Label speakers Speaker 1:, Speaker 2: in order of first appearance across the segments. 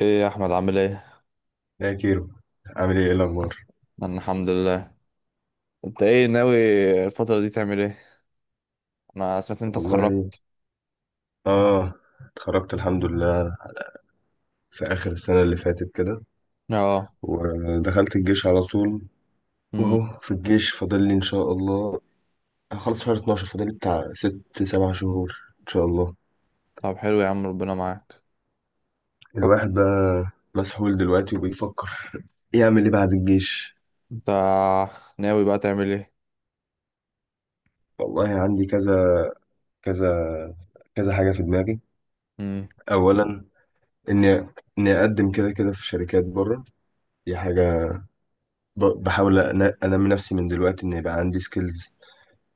Speaker 1: ايه يا احمد، عامل ايه؟
Speaker 2: يا كيرو، عامل ايه؟ إيه الاخبار؟
Speaker 1: انا الحمد لله. انت ايه ناوي الفتره دي تعمل ايه؟ انا سمعت إن انت
Speaker 2: والله
Speaker 1: اتخرجت.
Speaker 2: اه، اتخرجت الحمد لله في اخر السنه اللي فاتت كده.
Speaker 1: اه.
Speaker 2: ودخلت الجيش على طول.
Speaker 1: امم.
Speaker 2: واهو في الجيش فاضل لي ان شاء الله، هخلص شهر 12. فاضل لي بتاع 6 7 شهور ان شاء الله.
Speaker 1: طب حلو يا عم، ربنا معاك. طب
Speaker 2: الواحد بقى مسحول دلوقتي وبيفكر يعمل ايه بعد الجيش.
Speaker 1: انت ناوي بقى تعمل ايه؟
Speaker 2: والله عندي كذا كذا كذا حاجه في دماغي.
Speaker 1: امم.
Speaker 2: اولا اني اني اقدم كده كده في شركات بره. دي حاجه. بحاول انمي نفسي من دلوقتي ان يبقى عندي سكيلز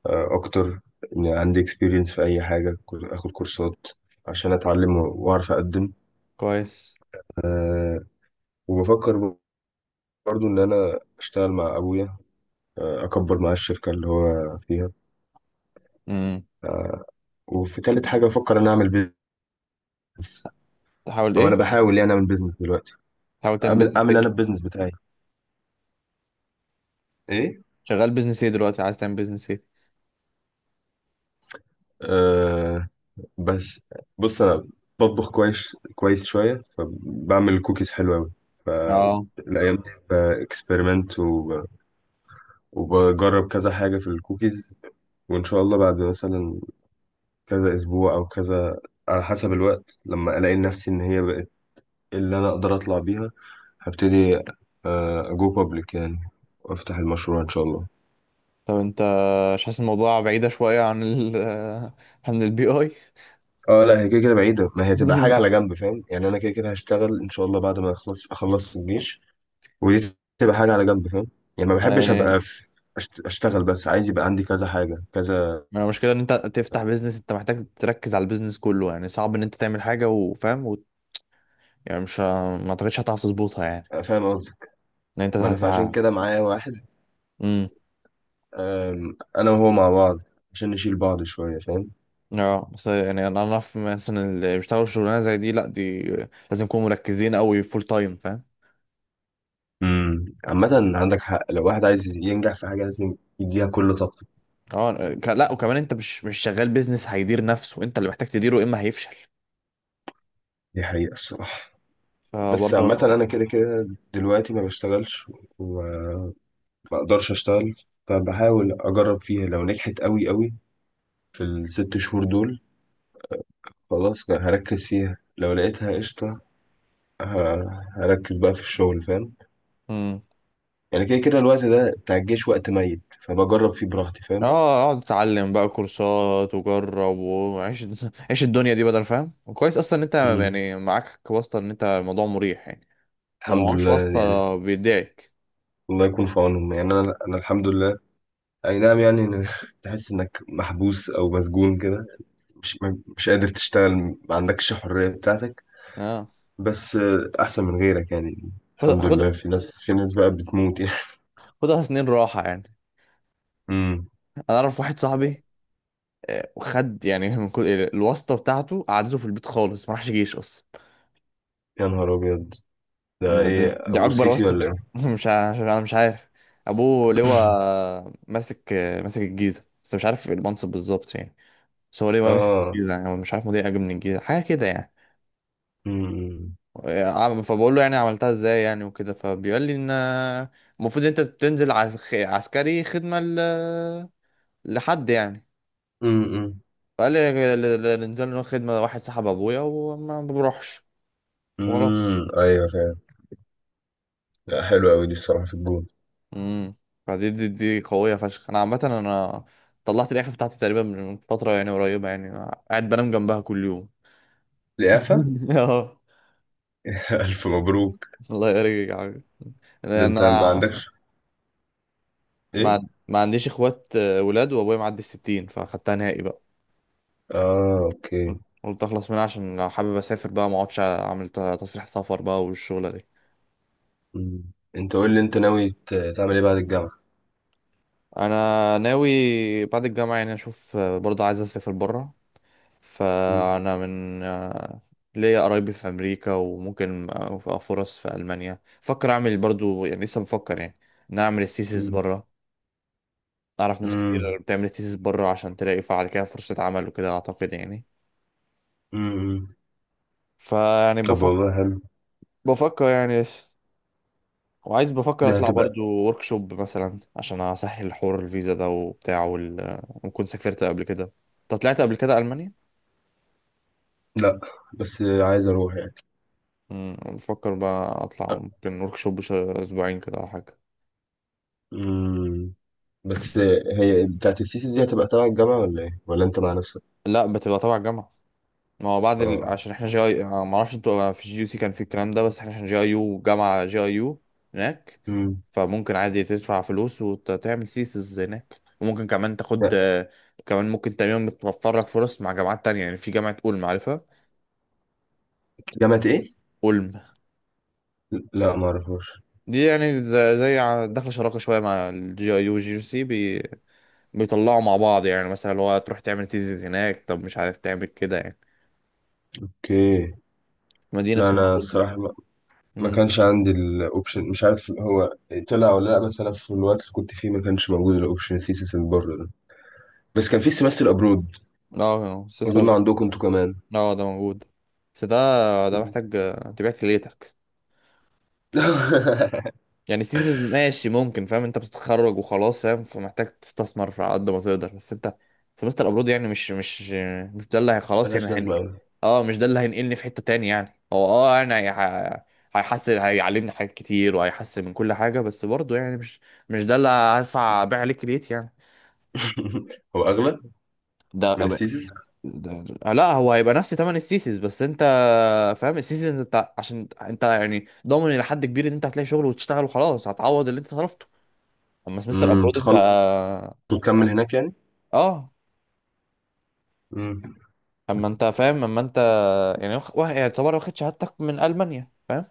Speaker 2: اكتر، ان عندي اكسبيرينس في اي حاجه. اخد كورسات عشان اتعلم واعرف اقدم.
Speaker 1: كويس.
Speaker 2: آه، وبفكر برضو ان انا اشتغل مع ابويا، اكبر معاه الشركه اللي هو فيها.
Speaker 1: امم.
Speaker 2: وفي تالت حاجه بفكر ان اعمل بيزنس،
Speaker 1: تحاول
Speaker 2: او انا
Speaker 1: ايه؟
Speaker 2: بحاول يعني اعمل بيزنس دلوقتي.
Speaker 1: تحاول تعمل
Speaker 2: اعمل
Speaker 1: بيزنس
Speaker 2: انا
Speaker 1: ايه؟
Speaker 2: البيزنس بتاعي
Speaker 1: شغال بيزنس ايه دلوقتي؟ عايز تعمل بيزنس ايه؟
Speaker 2: ايه بس. بص انا بطبخ كويس كويس شويه، فبعمل كوكيز حلوه قوي.
Speaker 1: اه.
Speaker 2: فالايام دي باكسبيرمنت وبجرب كذا حاجه في الكوكيز. وان شاء الله بعد مثلا كذا اسبوع او كذا، على حسب الوقت، لما الاقي نفسي ان هي بقت اللي انا اقدر اطلع بيها، هبتدي اجو بابليك يعني، وافتح المشروع ان شاء الله.
Speaker 1: طب انت مش حاسس الموضوع بعيده شويه عن عن البي اي
Speaker 2: اه لا، هي كده كده بعيده. ما هي تبقى حاجه على جنب، فاهم؟ يعني انا كده كده هشتغل ان شاء الله بعد ما اخلص الجيش، ودي تبقى حاجة على جنب، فاهم؟ يعني ما بحبش
Speaker 1: ما
Speaker 2: أبقى في أشتغل، بس عايز يبقى عندي كذا حاجة كذا.
Speaker 1: ما المشكلة ان انت تفتح بيزنس، انت محتاج تركز على البيزنس كله، يعني صعب ان انت تعمل حاجة، وفاهم يعني مش ه- ما اعتقدش هتعرف تظبطها يعني،
Speaker 2: فاهم قصدك.
Speaker 1: ان انت
Speaker 2: ما أنا
Speaker 1: هت...
Speaker 2: فعشان كده معايا واحد،
Speaker 1: امم.
Speaker 2: أنا وهو مع بعض عشان نشيل بعض شوية، فاهم؟
Speaker 1: اه، بس يعني انا اعرف مثلا اللي بيشتغلوا شغلانه زي دي، لا، دي لازم يكونوا مركزين قوي فول تايم، فاهم؟
Speaker 2: امم، عامة عندك حق، لو واحد عايز ينجح في حاجة لازم يديها كل طاقته.
Speaker 1: اه، ك... لا، وكمان انت مش شغال، بيزنس هيدير نفسه؟ انت اللي محتاج تديره، يا اما هيفشل.
Speaker 2: دي حقيقة الصراحة. بس
Speaker 1: فبرضه.
Speaker 2: عامة أنا كده كده دلوقتي ما بشتغلش، وما أقدرش أشتغل. فبحاول أجرب فيها. لو نجحت أوي أوي في الست شهور دول، خلاص هركز فيها. لو لقيتها قشطة، هركز بقى في الشغل، فاهم؟
Speaker 1: امم.
Speaker 2: يعني كده كده الوقت ده بتاع الجيش وقت ميت، فبجرب فيه براحتي، فاهم؟
Speaker 1: اه، اقعد اتعلم بقى كورسات وجرب وعيش عيش الدنيا دي، بدل فاهم، وكويس اصلا ان انت
Speaker 2: مم.
Speaker 1: يعني معاك واسطه، ان انت الموضوع مريح يعني. لو
Speaker 2: الحمد
Speaker 1: معهوش
Speaker 2: لله، يعني
Speaker 1: واسطه بيدعك.
Speaker 2: الله يكون في عونهم. يعني انا الحمد لله. اي نعم، يعني تحس انك محبوس او مسجون كده، مش مش قادر تشتغل، ما عندكش الحرية بتاعتك.
Speaker 1: اه.
Speaker 2: بس احسن من غيرك يعني.
Speaker 1: خد،
Speaker 2: الحمد
Speaker 1: خد،
Speaker 2: لله، في ناس بقى بتموت يعني.
Speaker 1: خدها سنين راحه يعني.
Speaker 2: امم.
Speaker 1: انا اعرف واحد صاحبي، خد يعني من كل الواسطه بتاعته قعدته في البيت خالص، ما راحش جيش اصلا.
Speaker 2: يا نهار ابيض! ده ايه،
Speaker 1: دي
Speaker 2: ابو
Speaker 1: اكبر
Speaker 2: سيسي
Speaker 1: واسطه.
Speaker 2: ولا ايه؟
Speaker 1: مش ع- مش- انا مش عارف. ابوه لواء ماسك الجيزه، بس مش عارف المنصب بالظبط يعني. بس هو لواء ماسك
Speaker 2: اه.
Speaker 1: الجيزه، يعني هو مش عارف، مدير اجي من الجيزه، حاجه كده يعني.
Speaker 2: امم.
Speaker 1: فبقول له يعني عملتها ازاي يعني، وكده، فبيقول لي ان المفروض انت بتنزل عسكري خدمه لحد يعني.
Speaker 2: امم.
Speaker 1: فقال لي اللي نزل له خدمه واحد صاحب ابويا وما بروحش وراث.
Speaker 2: امم، ايوه فاهم. لا، حلو قوي دي الصراحه، في الجون.
Speaker 1: امم. فدي دي, دي قوية فشخ. انا عامة، انا طلعت الإعفاء بتاعتي تقريبا من فترة يعني قريبة، يعني أنا قاعد بنام جنبها كل يوم.
Speaker 2: لياقه؟
Speaker 1: اه.
Speaker 2: الف مبروك!
Speaker 1: الله يرجع يعني،
Speaker 2: ده انت ما
Speaker 1: انا
Speaker 2: عندكش؟ ايه؟
Speaker 1: ما عنديش اخوات ولاد، وابويا معدي الـ 60، فاخدتها نهائي بقى.
Speaker 2: اه، اوكي.
Speaker 1: قلت اخلص منها، عشان لو حابب اسافر بقى ما اقعدش اعمل تصريح سفر بقى والشغلة دي.
Speaker 2: مم. انت قول لي، انت ناوي تعمل ايه بعد الجامعه؟
Speaker 1: انا ناوي بعد الجامعة يعني اشوف، برضه عايز اسافر بره،
Speaker 2: مم.
Speaker 1: فأنا من ليا قرايبي في أمريكا، وممكن أبقى فرص في ألمانيا، فكر أعمل برضو يعني، لسه بفكر يعني إن أنا أعمل الثيسيس
Speaker 2: مم.
Speaker 1: بره. أعرف ناس
Speaker 2: مم.
Speaker 1: كتير بتعمل الثيسيس بره، عشان تلاقي بعد كده فرصة عمل وكده، أعتقد يعني.
Speaker 2: مم.
Speaker 1: فيعني
Speaker 2: طب
Speaker 1: بفكر
Speaker 2: والله حلو.
Speaker 1: بفكر يعني لسه. وعايز، بفكر
Speaker 2: ده
Speaker 1: أطلع
Speaker 2: هتبقى.
Speaker 1: برضو شوب مثلا، عشان أسهل حوار الفيزا ده وبتاع وال... وكنت سافرت قبل كده. أنت طلعت قبل كده ألمانيا؟
Speaker 2: لا، بس عايز اروح يعني.
Speaker 1: بفكر بقى أطلع
Speaker 2: آه.
Speaker 1: ممكن شوب أسبوعين كده أو حاجة.
Speaker 2: مم. بس هي بتاعت الثيسيس دي هتبقى تبع الجامعة ولا ايه؟ ولا انت مع نفسك؟
Speaker 1: لا، بتبقى تبع الجامعة. ما هو بعد ال...
Speaker 2: اه.
Speaker 1: عشان احنا GI، ما اعرفش انتوا، في GUC كان في الكلام ده، بس احنا عشان GIU، جامعة GIU هناك.
Speaker 2: امم.
Speaker 1: فممكن عادي تدفع فلوس وتعمل سيسز هناك، وممكن كمان تاخد
Speaker 2: لا.
Speaker 1: كمان ممكن تقريبا بتوفر لك فرص مع جامعات تانية، يعني في جامعة أولم، عارفها؟
Speaker 2: جامعة ايه؟
Speaker 1: أولم.
Speaker 2: لا، ما اعرفوش.
Speaker 1: دي يعني زي داخلة شراكة شوية مع الـ GIU والجي يو سي بي... بيطلعوا مع بعض، يعني مثلا اللي هو تروح تعمل سيسز هناك، طب مش عارف تعمل كده يعني.
Speaker 2: اوكي.
Speaker 1: مدينة
Speaker 2: لا،
Speaker 1: اسمها
Speaker 2: انا
Speaker 1: أولم.
Speaker 2: الصراحة ما
Speaker 1: امم.
Speaker 2: كانش عندي الاوبشن. مش عارف هو طلع ولا لا، بس انا في الوقت اللي كنت فيه ما كانش موجود الاوبشن الثيسيس اللي بره ده. بس كان في سيمستر ابرود،
Speaker 1: اه،
Speaker 2: اظن عندكم انتوا كمان.
Speaker 1: اه، ده موجود. بس ده
Speaker 2: مم.
Speaker 1: محتاج تبيع كليتك، يعني سيزون ماشي ممكن، فاهم؟ انت بتتخرج وخلاص، فاهم؟ فمحتاج تستثمر على قد ما تقدر، بس انت، سمستر ابرود يعني مش مش ده اللي خلاص يعني
Speaker 2: ملهاش
Speaker 1: هن...
Speaker 2: لازمه قوي.
Speaker 1: اه، مش ده اللي هينقلني في حتة تاني يعني، هو اه انا هيحسن، هيعلمني حاجات كتير وهيحسن من كل حاجة، بس برضه يعني مش، مش ده اللي هدفع بيع عليه كليتي يعني.
Speaker 2: هو اغلى
Speaker 1: ده
Speaker 2: من الثيسيس.
Speaker 1: ده لا، هو هيبقى نفس تمن السيسيس، بس انت فاهم السيزون، انت عشان انت يعني ضامن الى حد كبير ان انت هتلاقي شغل وتشتغل وخلاص هتعوض اللي انت صرفته. اما سمستر
Speaker 2: امم،
Speaker 1: ابرود انت،
Speaker 2: تخلص وتكمل هناك يعني.
Speaker 1: اه
Speaker 2: امم.
Speaker 1: اما انت فاهم، اما انت يعني يعني يعتبر واخد شهادتك من المانيا، فاهم،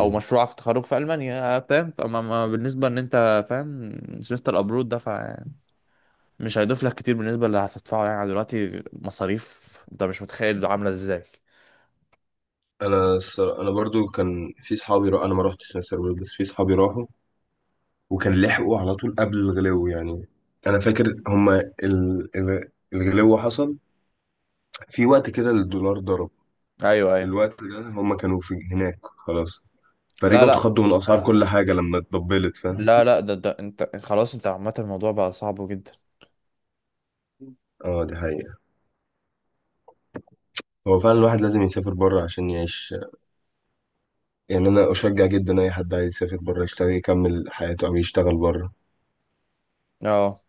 Speaker 1: او مشروعك تخرج في المانيا، فاهم. اما بالنسبه ان انت فاهم، سمستر ابرود ده فمش هيضيف لك كتير بالنسبه اللي هتدفعه، يعني دلوقتي مصاريف انت مش متخيل عامله ازاي.
Speaker 2: انا الصرا-، انا برضو كان في صحابي انا ما رحتش سيمستر ابرود، بس في صحابي راحوا وكان لحقوا على طول قبل الغلو يعني. انا فاكر هما الغلو حصل في وقت كده، الدولار ضرب
Speaker 1: ايوه، ايوه.
Speaker 2: الوقت ده هما كانوا في هناك خلاص.
Speaker 1: لا،
Speaker 2: فرجعوا
Speaker 1: لا،
Speaker 2: اتخضوا من اسعار اه كل حاجه لما اتضبلت، فاهم؟
Speaker 1: لا، لا، ده انت خلاص، انت عامه الموضوع بقى صعب جدا.
Speaker 2: اه، دي حقيقه. هو فعلا الواحد لازم يسافر بره عشان يعيش. يعني انا اشجع جدا اي حد عايز يسافر بره يشتغل يكمل حياته او يشتغل بره.
Speaker 1: اه.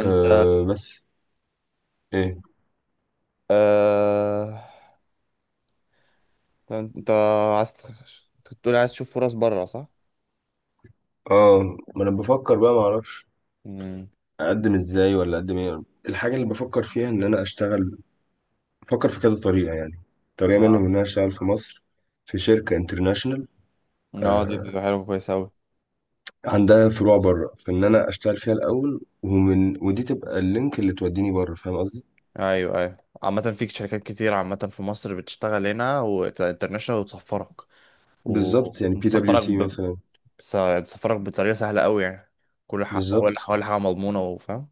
Speaker 1: انت
Speaker 2: أه بس. ايه؟
Speaker 1: آه... انت عايز كنت بتقول عايز تشوف فرص بره، صح؟
Speaker 2: اه، ما انا بفكر بقى ما اعرفش
Speaker 1: امم.
Speaker 2: اقدم ازاي ولا اقدم ايه. الحاجه اللي بفكر فيها ان انا اشتغل. بفكر في كذا طريقه يعني. طريقه منهم
Speaker 1: اه،
Speaker 2: ان انا اشتغل في مصر في شركه انترناشونال
Speaker 1: اه، دي حلوه كويس اوي.
Speaker 2: عندها فروع بره، فان انا اشتغل فيها الاول، ومن ودي تبقى اللينك اللي توديني بره، فاهم قصدي؟
Speaker 1: ايوه، ايوه، عامة فيك شركات كتير، عامة في مصر بتشتغل هنا وانترناشونال وتسفرك،
Speaker 2: بالظبط، يعني بي دبليو
Speaker 1: ومتسفرك
Speaker 2: سي
Speaker 1: ب...
Speaker 2: مثلا.
Speaker 1: بتسفرك بطريقة سهلة اوي يعني، كل حاجة، ولا
Speaker 2: بالظبط.
Speaker 1: ولا حاجة مضمونة، وفاهم.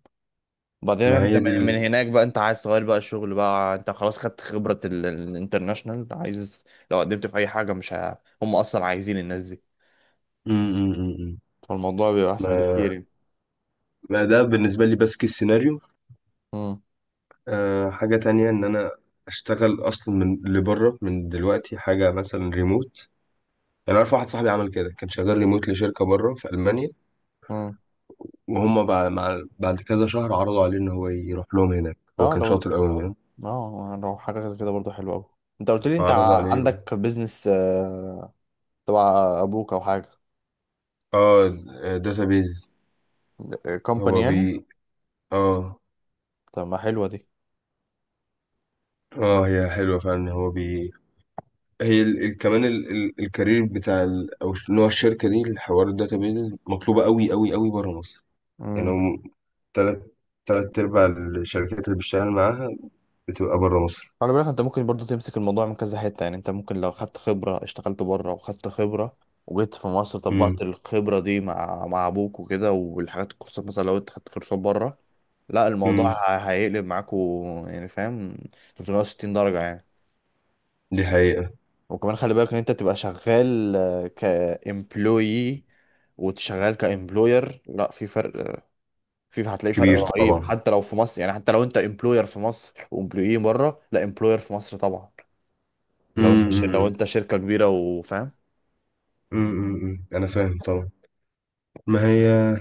Speaker 1: بعدين
Speaker 2: ما
Speaker 1: انت
Speaker 2: هي دي
Speaker 1: من
Speaker 2: ال...
Speaker 1: هناك بقى انت عايز تغير بقى الشغل، بقى انت خلاص خدت خبرة الانترناشونال، عايز لو قدمت في اي حاجة مش ه... هم اصلا عايزين الناس دي.
Speaker 2: م -م -م. م.
Speaker 1: فالموضوع بيبقى احسن بكتير
Speaker 2: ما...
Speaker 1: يعني.
Speaker 2: ما ده بالنسبه لي بس كيس سيناريو.
Speaker 1: امم،
Speaker 2: آه، حاجه تانية ان انا اشتغل اصلا من لبره من دلوقتي، حاجه مثلا ريموت. يعني عارف واحد صاحبي عمل كده، كان شغال ريموت لشركه بره في المانيا،
Speaker 1: امم.
Speaker 2: وهم بعد كذا شهر عرضوا عليه ان هو يروح لهم هناك. هو
Speaker 1: اه،
Speaker 2: كان
Speaker 1: لو
Speaker 2: شاطر قوي يعني.
Speaker 1: اه لو حاجه غير كده برضه حلوه قوي. انت قلت لي انت
Speaker 2: فعرضوا عليه يروح.
Speaker 1: عندك بيزنس تبع ابوك او حاجه.
Speaker 2: اه، داتابيز
Speaker 1: كومباني
Speaker 2: هو بي.
Speaker 1: يعني.
Speaker 2: اه.
Speaker 1: طب ما حلوه دي.
Speaker 2: اه، هي حلوه فعلا، هو بي. هي ال... ال... كمان ال... ال... الكارير بتاع ال... او نوع الشركه دي، الحوار الداتابيز مطلوبه قوي قوي قوي بره مصر. يعني
Speaker 1: امم.
Speaker 2: هم تلات، ارباع الشركات اللي بشتغل معاها بتبقى بره مصر.
Speaker 1: خلي بالك انت ممكن برضه تمسك الموضوع من كذا حته، يعني انت ممكن لو خدت خبره اشتغلت بره وخدت خبره، وجيت في مصر
Speaker 2: امم.
Speaker 1: طبقت الخبره دي مع ابوك وكده، والحاجات الكورسات مثلا لو انت خدت كورسات بره، لا الموضوع
Speaker 2: امم.
Speaker 1: هيقلب معاكوا يعني، فاهم، 360 درجه يعني.
Speaker 2: دي حقيقه.
Speaker 1: وكمان خلي بالك ان انت تبقى شغال كإمبلويي وتشغال كإمبلوير، لا في فرق، في هتلاقي فرق
Speaker 2: كبير
Speaker 1: رهيب
Speaker 2: طبعا.
Speaker 1: حتى لو في مصر، يعني حتى لو انت إمبلوير في مصر وإمبلويي بره، لا إمبلوير في مصر طبعا، لو انت
Speaker 2: امم.
Speaker 1: ش... لو
Speaker 2: امم.
Speaker 1: انت شركة كبيرة، وفاهم.
Speaker 2: أمم. أمم. انا فاهم طبعا. ما هي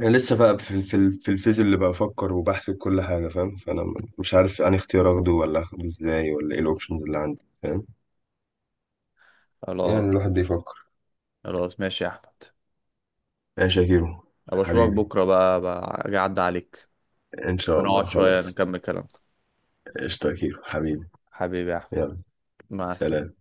Speaker 2: انا لسه بقى في الفيز اللي بفكر وبحسب كل حاجه، فاهم؟ فانا مش عارف انهي اختيار اخده، ولا اخده ازاي، ولا ايه الاوبشنز اللي عندي، فاهم؟ يعني
Speaker 1: خلاص.
Speaker 2: الواحد بيفكر.
Speaker 1: خلاص ماشي يا احمد،
Speaker 2: ماشي يا شاكيرو
Speaker 1: ابقى اشوفك
Speaker 2: حبيبي.
Speaker 1: بكره بقى اجي اعدي عليك،
Speaker 2: ان شاء
Speaker 1: ونقعد
Speaker 2: الله،
Speaker 1: شويه
Speaker 2: خلاص.
Speaker 1: نكمل كلامنا.
Speaker 2: قشطة يا كيرو حبيبي.
Speaker 1: حبيبي يا احمد.
Speaker 2: يلا.
Speaker 1: مع
Speaker 2: سلام.
Speaker 1: السلامه.